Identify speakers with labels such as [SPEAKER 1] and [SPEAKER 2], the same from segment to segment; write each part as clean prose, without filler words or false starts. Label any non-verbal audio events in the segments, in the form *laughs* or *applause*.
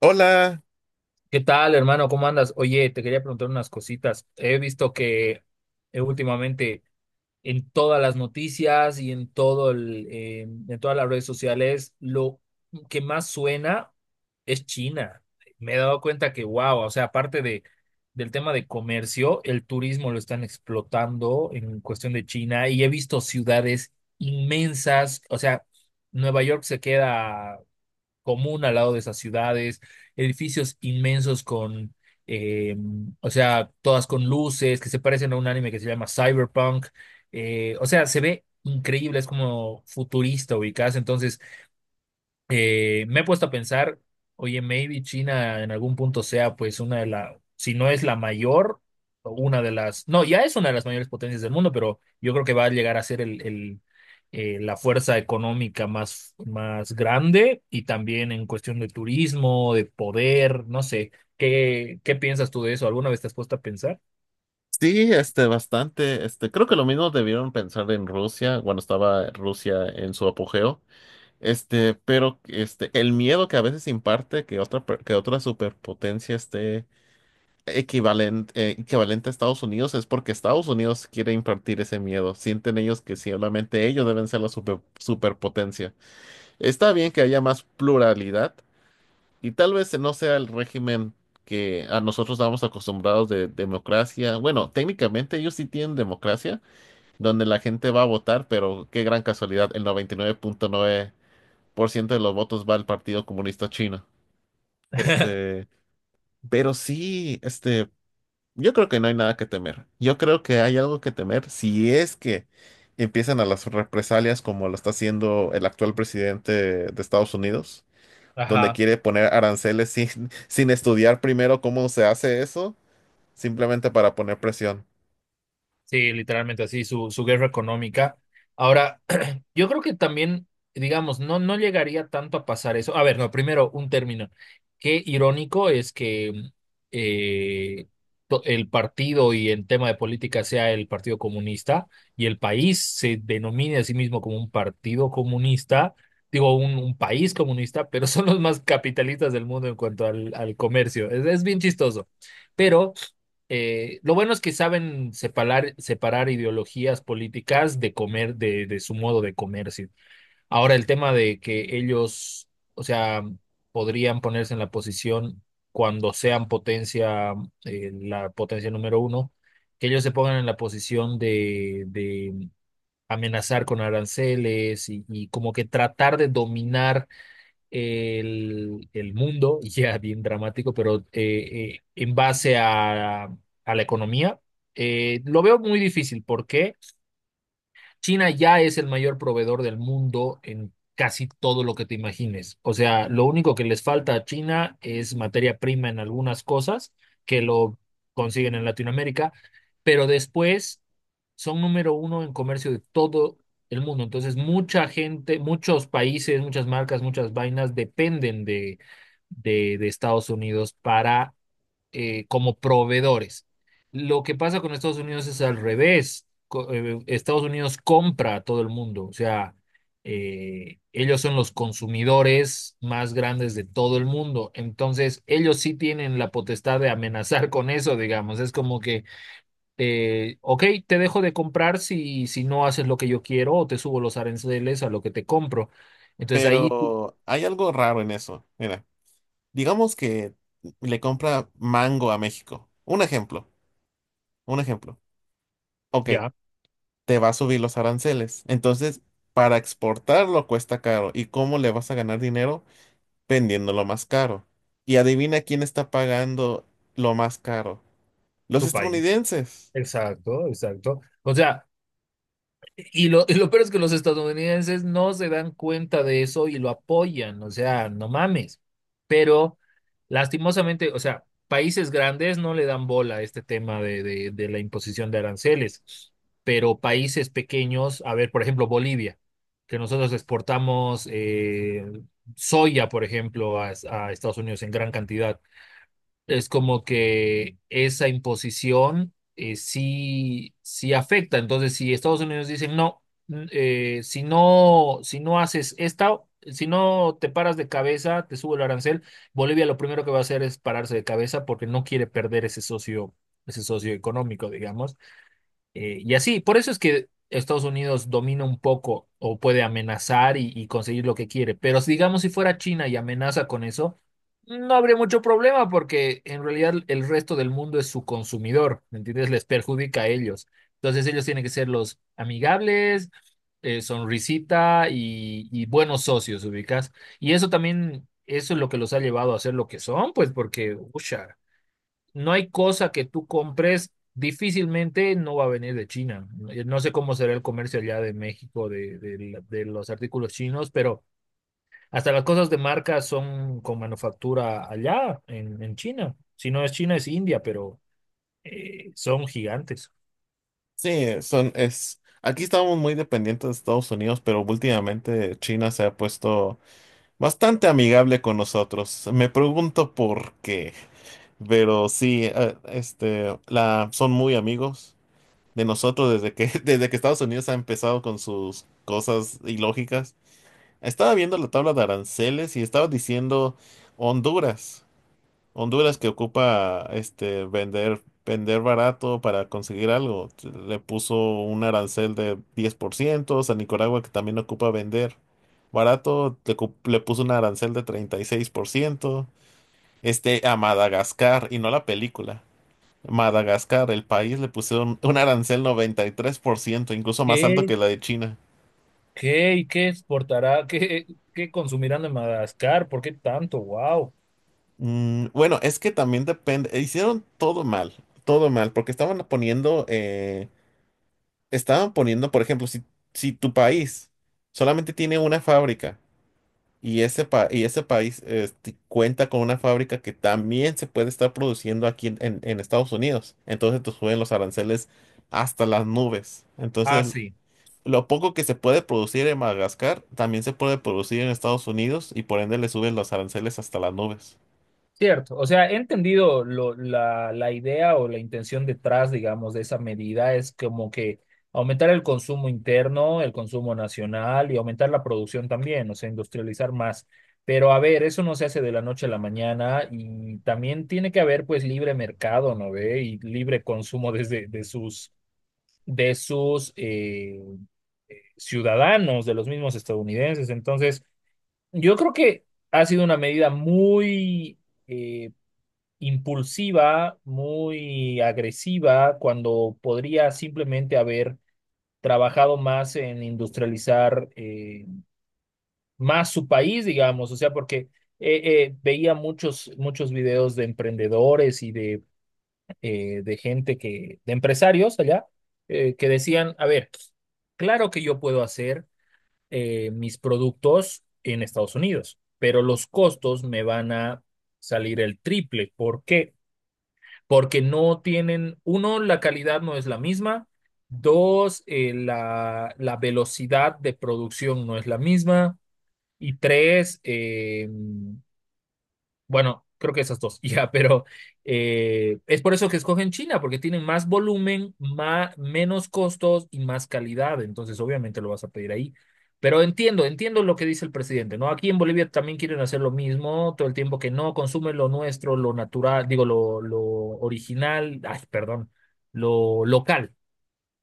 [SPEAKER 1] Hola,
[SPEAKER 2] ¿Qué tal, hermano? ¿Cómo andas? Oye, te quería preguntar unas cositas. He visto que últimamente en todas las noticias y en todo en todas las redes sociales, lo que más suena es China. Me he dado cuenta que, wow, o sea, del tema de comercio, el turismo lo están explotando en cuestión de China y he visto ciudades inmensas, o sea, Nueva York se queda común al lado de esas ciudades, edificios inmensos con, eh, o sea, todas con luces que se parecen a un anime que se llama Cyberpunk. O sea, se ve increíble, es como futurista ubicarse. Entonces, me he puesto a pensar, oye, maybe China en algún punto sea pues una de las, si no es la mayor, o una de las, no, ya es una de las mayores potencias del mundo, pero yo creo que va a llegar a ser la fuerza económica más, más grande y también en cuestión de turismo, de poder, no sé, ¿qué, qué piensas tú de eso? ¿Alguna vez te has puesto a pensar?
[SPEAKER 1] sí, bastante, creo que lo mismo debieron pensar en Rusia, cuando estaba Rusia en su apogeo, pero el miedo que a veces imparte que que otra superpotencia esté equivalente a Estados Unidos es porque Estados Unidos quiere impartir ese miedo. Sienten ellos que solamente ellos deben ser la superpotencia. Está bien que haya más pluralidad. Y tal vez no sea el régimen que a nosotros estamos acostumbrados de democracia. Bueno, técnicamente ellos sí tienen democracia, donde la gente va a votar, pero qué gran casualidad, el 99.9% de los votos va al Partido Comunista Chino.
[SPEAKER 2] *laughs*
[SPEAKER 1] Este, pero sí, yo creo que no hay nada que temer. Yo creo que hay algo que temer si es que empiezan a las represalias como lo está haciendo el actual presidente de Estados Unidos, donde
[SPEAKER 2] Ajá.
[SPEAKER 1] quiere poner aranceles sin estudiar primero cómo se hace eso, simplemente para poner presión.
[SPEAKER 2] Sí, literalmente así, su guerra económica. Ahora, *clears throat* yo creo que también, digamos, no, no llegaría tanto a pasar eso. A ver, no, primero, un término. Qué irónico es que eh, el partido y en tema de política sea el Partido Comunista y el país se denomine a sí mismo como un partido comunista, digo, un país comunista, pero *laughs* son los más capitalistas del mundo en cuanto al comercio. Es bien chistoso. Pero... Lo bueno es que saben separar, separar ideologías políticas de su modo de comercio. Ahora, el tema de que ellos, o sea, podrían ponerse en la posición cuando sean potencia, la potencia número uno, que ellos se pongan en la posición de amenazar con aranceles y como que tratar de dominar el mundo, *laughs* ya bien dramático, pero en base a la economía, lo veo muy difícil. ¿Por qué? China ya es el mayor proveedor del mundo en casi todo lo que te imagines. O sea, lo único que les falta a China es materia prima en algunas cosas que lo consiguen en Latinoamérica, pero después son número uno en comercio de todo el mundo. Entonces, mucha gente, muchos países, muchas marcas, muchas vainas dependen de Estados Unidos para como proveedores. Lo que pasa con Estados Unidos es al revés. Estados Unidos compra a todo el mundo, o sea, ellos son los consumidores más grandes de todo el mundo. Entonces, ellos sí tienen la potestad de amenazar con eso, digamos. Es como que, ok, te dejo de comprar si, si no haces lo que yo quiero o te subo los aranceles a lo que te compro. Entonces ahí...
[SPEAKER 1] Pero hay algo raro en eso. Mira, digamos que le compra mango a México. Un ejemplo. Ok,
[SPEAKER 2] Ya,
[SPEAKER 1] te va a subir los aranceles. Entonces, para exportarlo cuesta caro. ¿Y cómo le vas a ganar dinero? Vendiéndolo más caro. Y adivina quién está pagando lo más caro. Los
[SPEAKER 2] tu país.
[SPEAKER 1] estadounidenses.
[SPEAKER 2] Exacto, exacto. O sea, y lo, y lo peor es que los estadounidenses no se dan cuenta de eso y lo apoyan, o sea, no mames. Pero lastimosamente, o sea, países grandes no le dan bola a este tema de la imposición de aranceles, pero países pequeños, a ver, por ejemplo, Bolivia, que nosotros exportamos soya, por ejemplo, a Estados Unidos en gran cantidad. Es como que esa imposición sí, sí afecta. Entonces, si Estados Unidos dice, no, si no, si no haces esta, si no te paras de cabeza, te subo el arancel, Bolivia lo primero que va a hacer es pararse de cabeza porque no quiere perder ese socio económico, digamos. Y así, por eso es que Estados Unidos domina un poco o puede amenazar y conseguir lo que quiere. Pero si, digamos si fuera China y amenaza con eso, no habría mucho problema porque en realidad el resto del mundo es su consumidor, ¿me entiendes? Les perjudica a ellos. Entonces ellos tienen que ser los amigables, sonrisita y buenos socios, ubicas. Y eso también, eso es lo que los ha llevado a ser lo que son, pues porque, ucha, no hay cosa que tú compres, difícilmente no va a venir de China. No sé cómo será el comercio allá de México de los artículos chinos, pero hasta las cosas de marca son con manufactura allá en China. Si no es China, es India, pero son gigantes.
[SPEAKER 1] Sí, aquí estábamos muy dependientes de Estados Unidos, pero últimamente China se ha puesto bastante amigable con nosotros. Me pregunto por qué, pero sí, son muy amigos de nosotros desde que, *laughs* desde que Estados Unidos ha empezado con sus cosas ilógicas. Estaba viendo la tabla de aranceles y estaba diciendo Honduras. Honduras, que ocupa este vender barato para conseguir algo. Le puso un arancel de 10% a Nicaragua, que también ocupa vender barato, le puso un arancel de 36% a Madagascar, y no la película. Madagascar, el país, le pusieron un arancel 93%, incluso más alto
[SPEAKER 2] ¿Qué,
[SPEAKER 1] que la de China.
[SPEAKER 2] qué y qué exportará? ¿Qué, qué consumirán de Madagascar? ¿Por qué tanto? ¡Wow!
[SPEAKER 1] Bueno, es que también depende, hicieron todo mal, porque estaban poniendo, por ejemplo, si tu país solamente tiene una fábrica y y ese país cuenta con una fábrica que también se puede estar produciendo aquí en Estados Unidos, entonces te suben los aranceles hasta las nubes.
[SPEAKER 2] Ah,
[SPEAKER 1] Entonces,
[SPEAKER 2] sí.
[SPEAKER 1] lo poco que se puede producir en Madagascar también se puede producir en Estados Unidos y por ende le suben los aranceles hasta las nubes.
[SPEAKER 2] Cierto, o sea, he entendido la, la idea o la intención detrás, digamos, de esa medida es como que aumentar el consumo interno, el consumo nacional y aumentar la producción también, o sea, industrializar más. Pero a ver, eso no se hace de la noche a la mañana y también tiene que haber pues libre mercado, ¿no ve? Y libre consumo desde de sus ciudadanos, de los mismos estadounidenses. Entonces, yo creo que ha sido una medida muy... eh, impulsiva, muy agresiva, cuando podría simplemente haber trabajado más en industrializar más su país, digamos, o sea, porque veía muchos, muchos videos de emprendedores y de gente que, de empresarios allá, que decían, a ver, claro que yo puedo hacer mis productos en Estados Unidos, pero los costos me van a salir el triple. ¿Por qué? Porque no tienen, uno, la calidad no es la misma, dos, la, la velocidad de producción no es la misma, y tres, bueno, creo que esas dos, *laughs* ya, pero es por eso que escogen China, porque tienen más volumen, más, menos costos y más calidad, entonces obviamente lo vas a pedir ahí. Pero entiendo, entiendo lo que dice el presidente, ¿no? Aquí en Bolivia también quieren hacer lo mismo, todo el tiempo que no consumen lo nuestro, lo natural, digo, lo original, ay, perdón, lo local,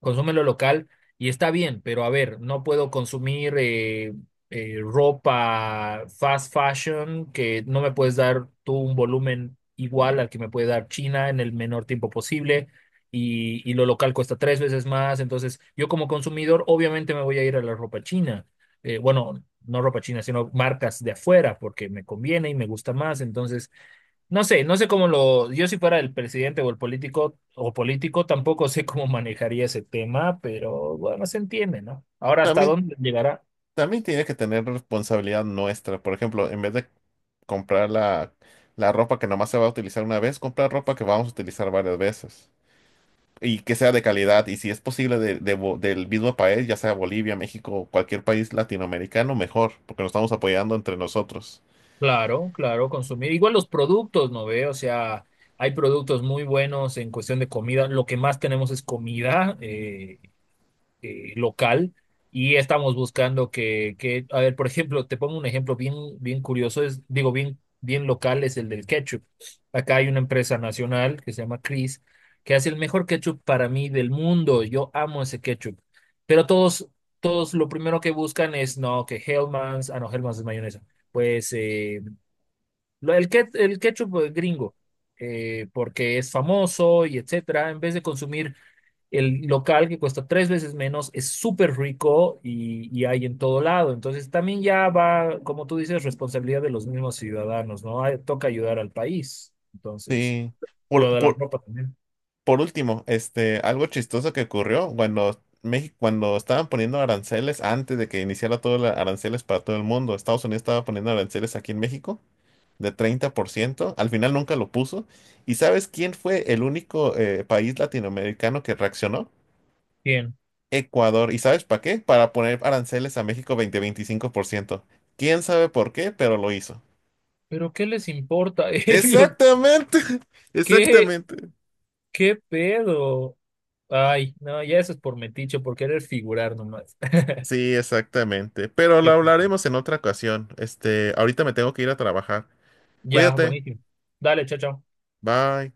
[SPEAKER 2] consume lo local y está bien, pero a ver, no puedo consumir ropa fast fashion que no me puedes dar tú un volumen igual al que me puede dar China en el menor tiempo posible y lo local cuesta tres veces más, entonces yo como consumidor obviamente me voy a ir a la ropa china. Bueno, no ropa china, sino marcas de afuera porque me conviene y me gusta más, entonces... No sé, yo si fuera el presidente o el político o político, tampoco sé cómo manejaría ese tema, pero bueno, se entiende, ¿no? Ahora, ¿hasta
[SPEAKER 1] También
[SPEAKER 2] dónde llegará?
[SPEAKER 1] Tiene que tener responsabilidad nuestra. Por ejemplo, en vez de comprar la ropa que nomás se va a utilizar una vez, comprar ropa que vamos a utilizar varias veces. Y que sea de calidad. Y si es posible del mismo país, ya sea Bolivia, México, cualquier país latinoamericano, mejor, porque nos estamos apoyando entre nosotros.
[SPEAKER 2] Claro, claro, consumir. Igual los productos, ¿no ve? O sea, hay productos muy buenos en cuestión de comida. Lo que más tenemos es comida. Local, y estamos buscando que, a ver, por ejemplo, te pongo un ejemplo bien, bien curioso, es, digo, bien, bien local, es el del ketchup. Acá hay una empresa nacional que se llama Chris, que hace el mejor ketchup para mí del mundo. Yo amo ese ketchup. Pero todos, todos lo primero que buscan es, no, que Hellmann's, ah, no, Hellmann's es mayonesa. Pues el ketchup gringo, porque es famoso y etcétera, en vez de consumir el local que cuesta tres veces menos, es súper rico y hay en todo lado. Entonces también ya va, como tú dices, responsabilidad de los mismos ciudadanos, ¿no? Ay, toca ayudar al país. Entonces,
[SPEAKER 1] Sí. Por,
[SPEAKER 2] lo de la
[SPEAKER 1] por,
[SPEAKER 2] ropa también.
[SPEAKER 1] por último, algo chistoso que ocurrió cuando México, cuando estaban poniendo aranceles, antes de que iniciara todo los aranceles para todo el mundo, Estados Unidos estaba poniendo aranceles aquí en México de 30%. Al final nunca lo puso. ¿Y sabes quién fue el único país latinoamericano que reaccionó?
[SPEAKER 2] Bien.
[SPEAKER 1] Ecuador. ¿Y sabes para qué? Para poner aranceles a México veinte 25%. ¿Quién sabe por qué? Pero lo hizo.
[SPEAKER 2] Pero ¿qué les importa a *laughs* ellos?
[SPEAKER 1] Exactamente. *laughs*
[SPEAKER 2] ¿Qué,
[SPEAKER 1] Exactamente.
[SPEAKER 2] qué pedo? Ay, no, ya eso es por metiche, por querer figurar nomás.
[SPEAKER 1] Sí, exactamente.
[SPEAKER 2] *laughs*
[SPEAKER 1] Pero lo
[SPEAKER 2] Qué pedo.
[SPEAKER 1] hablaremos en otra ocasión. Este, ahorita me tengo que ir a trabajar.
[SPEAKER 2] Ya,
[SPEAKER 1] Cuídate.
[SPEAKER 2] buenísimo. Dale, chao, chao.
[SPEAKER 1] Bye.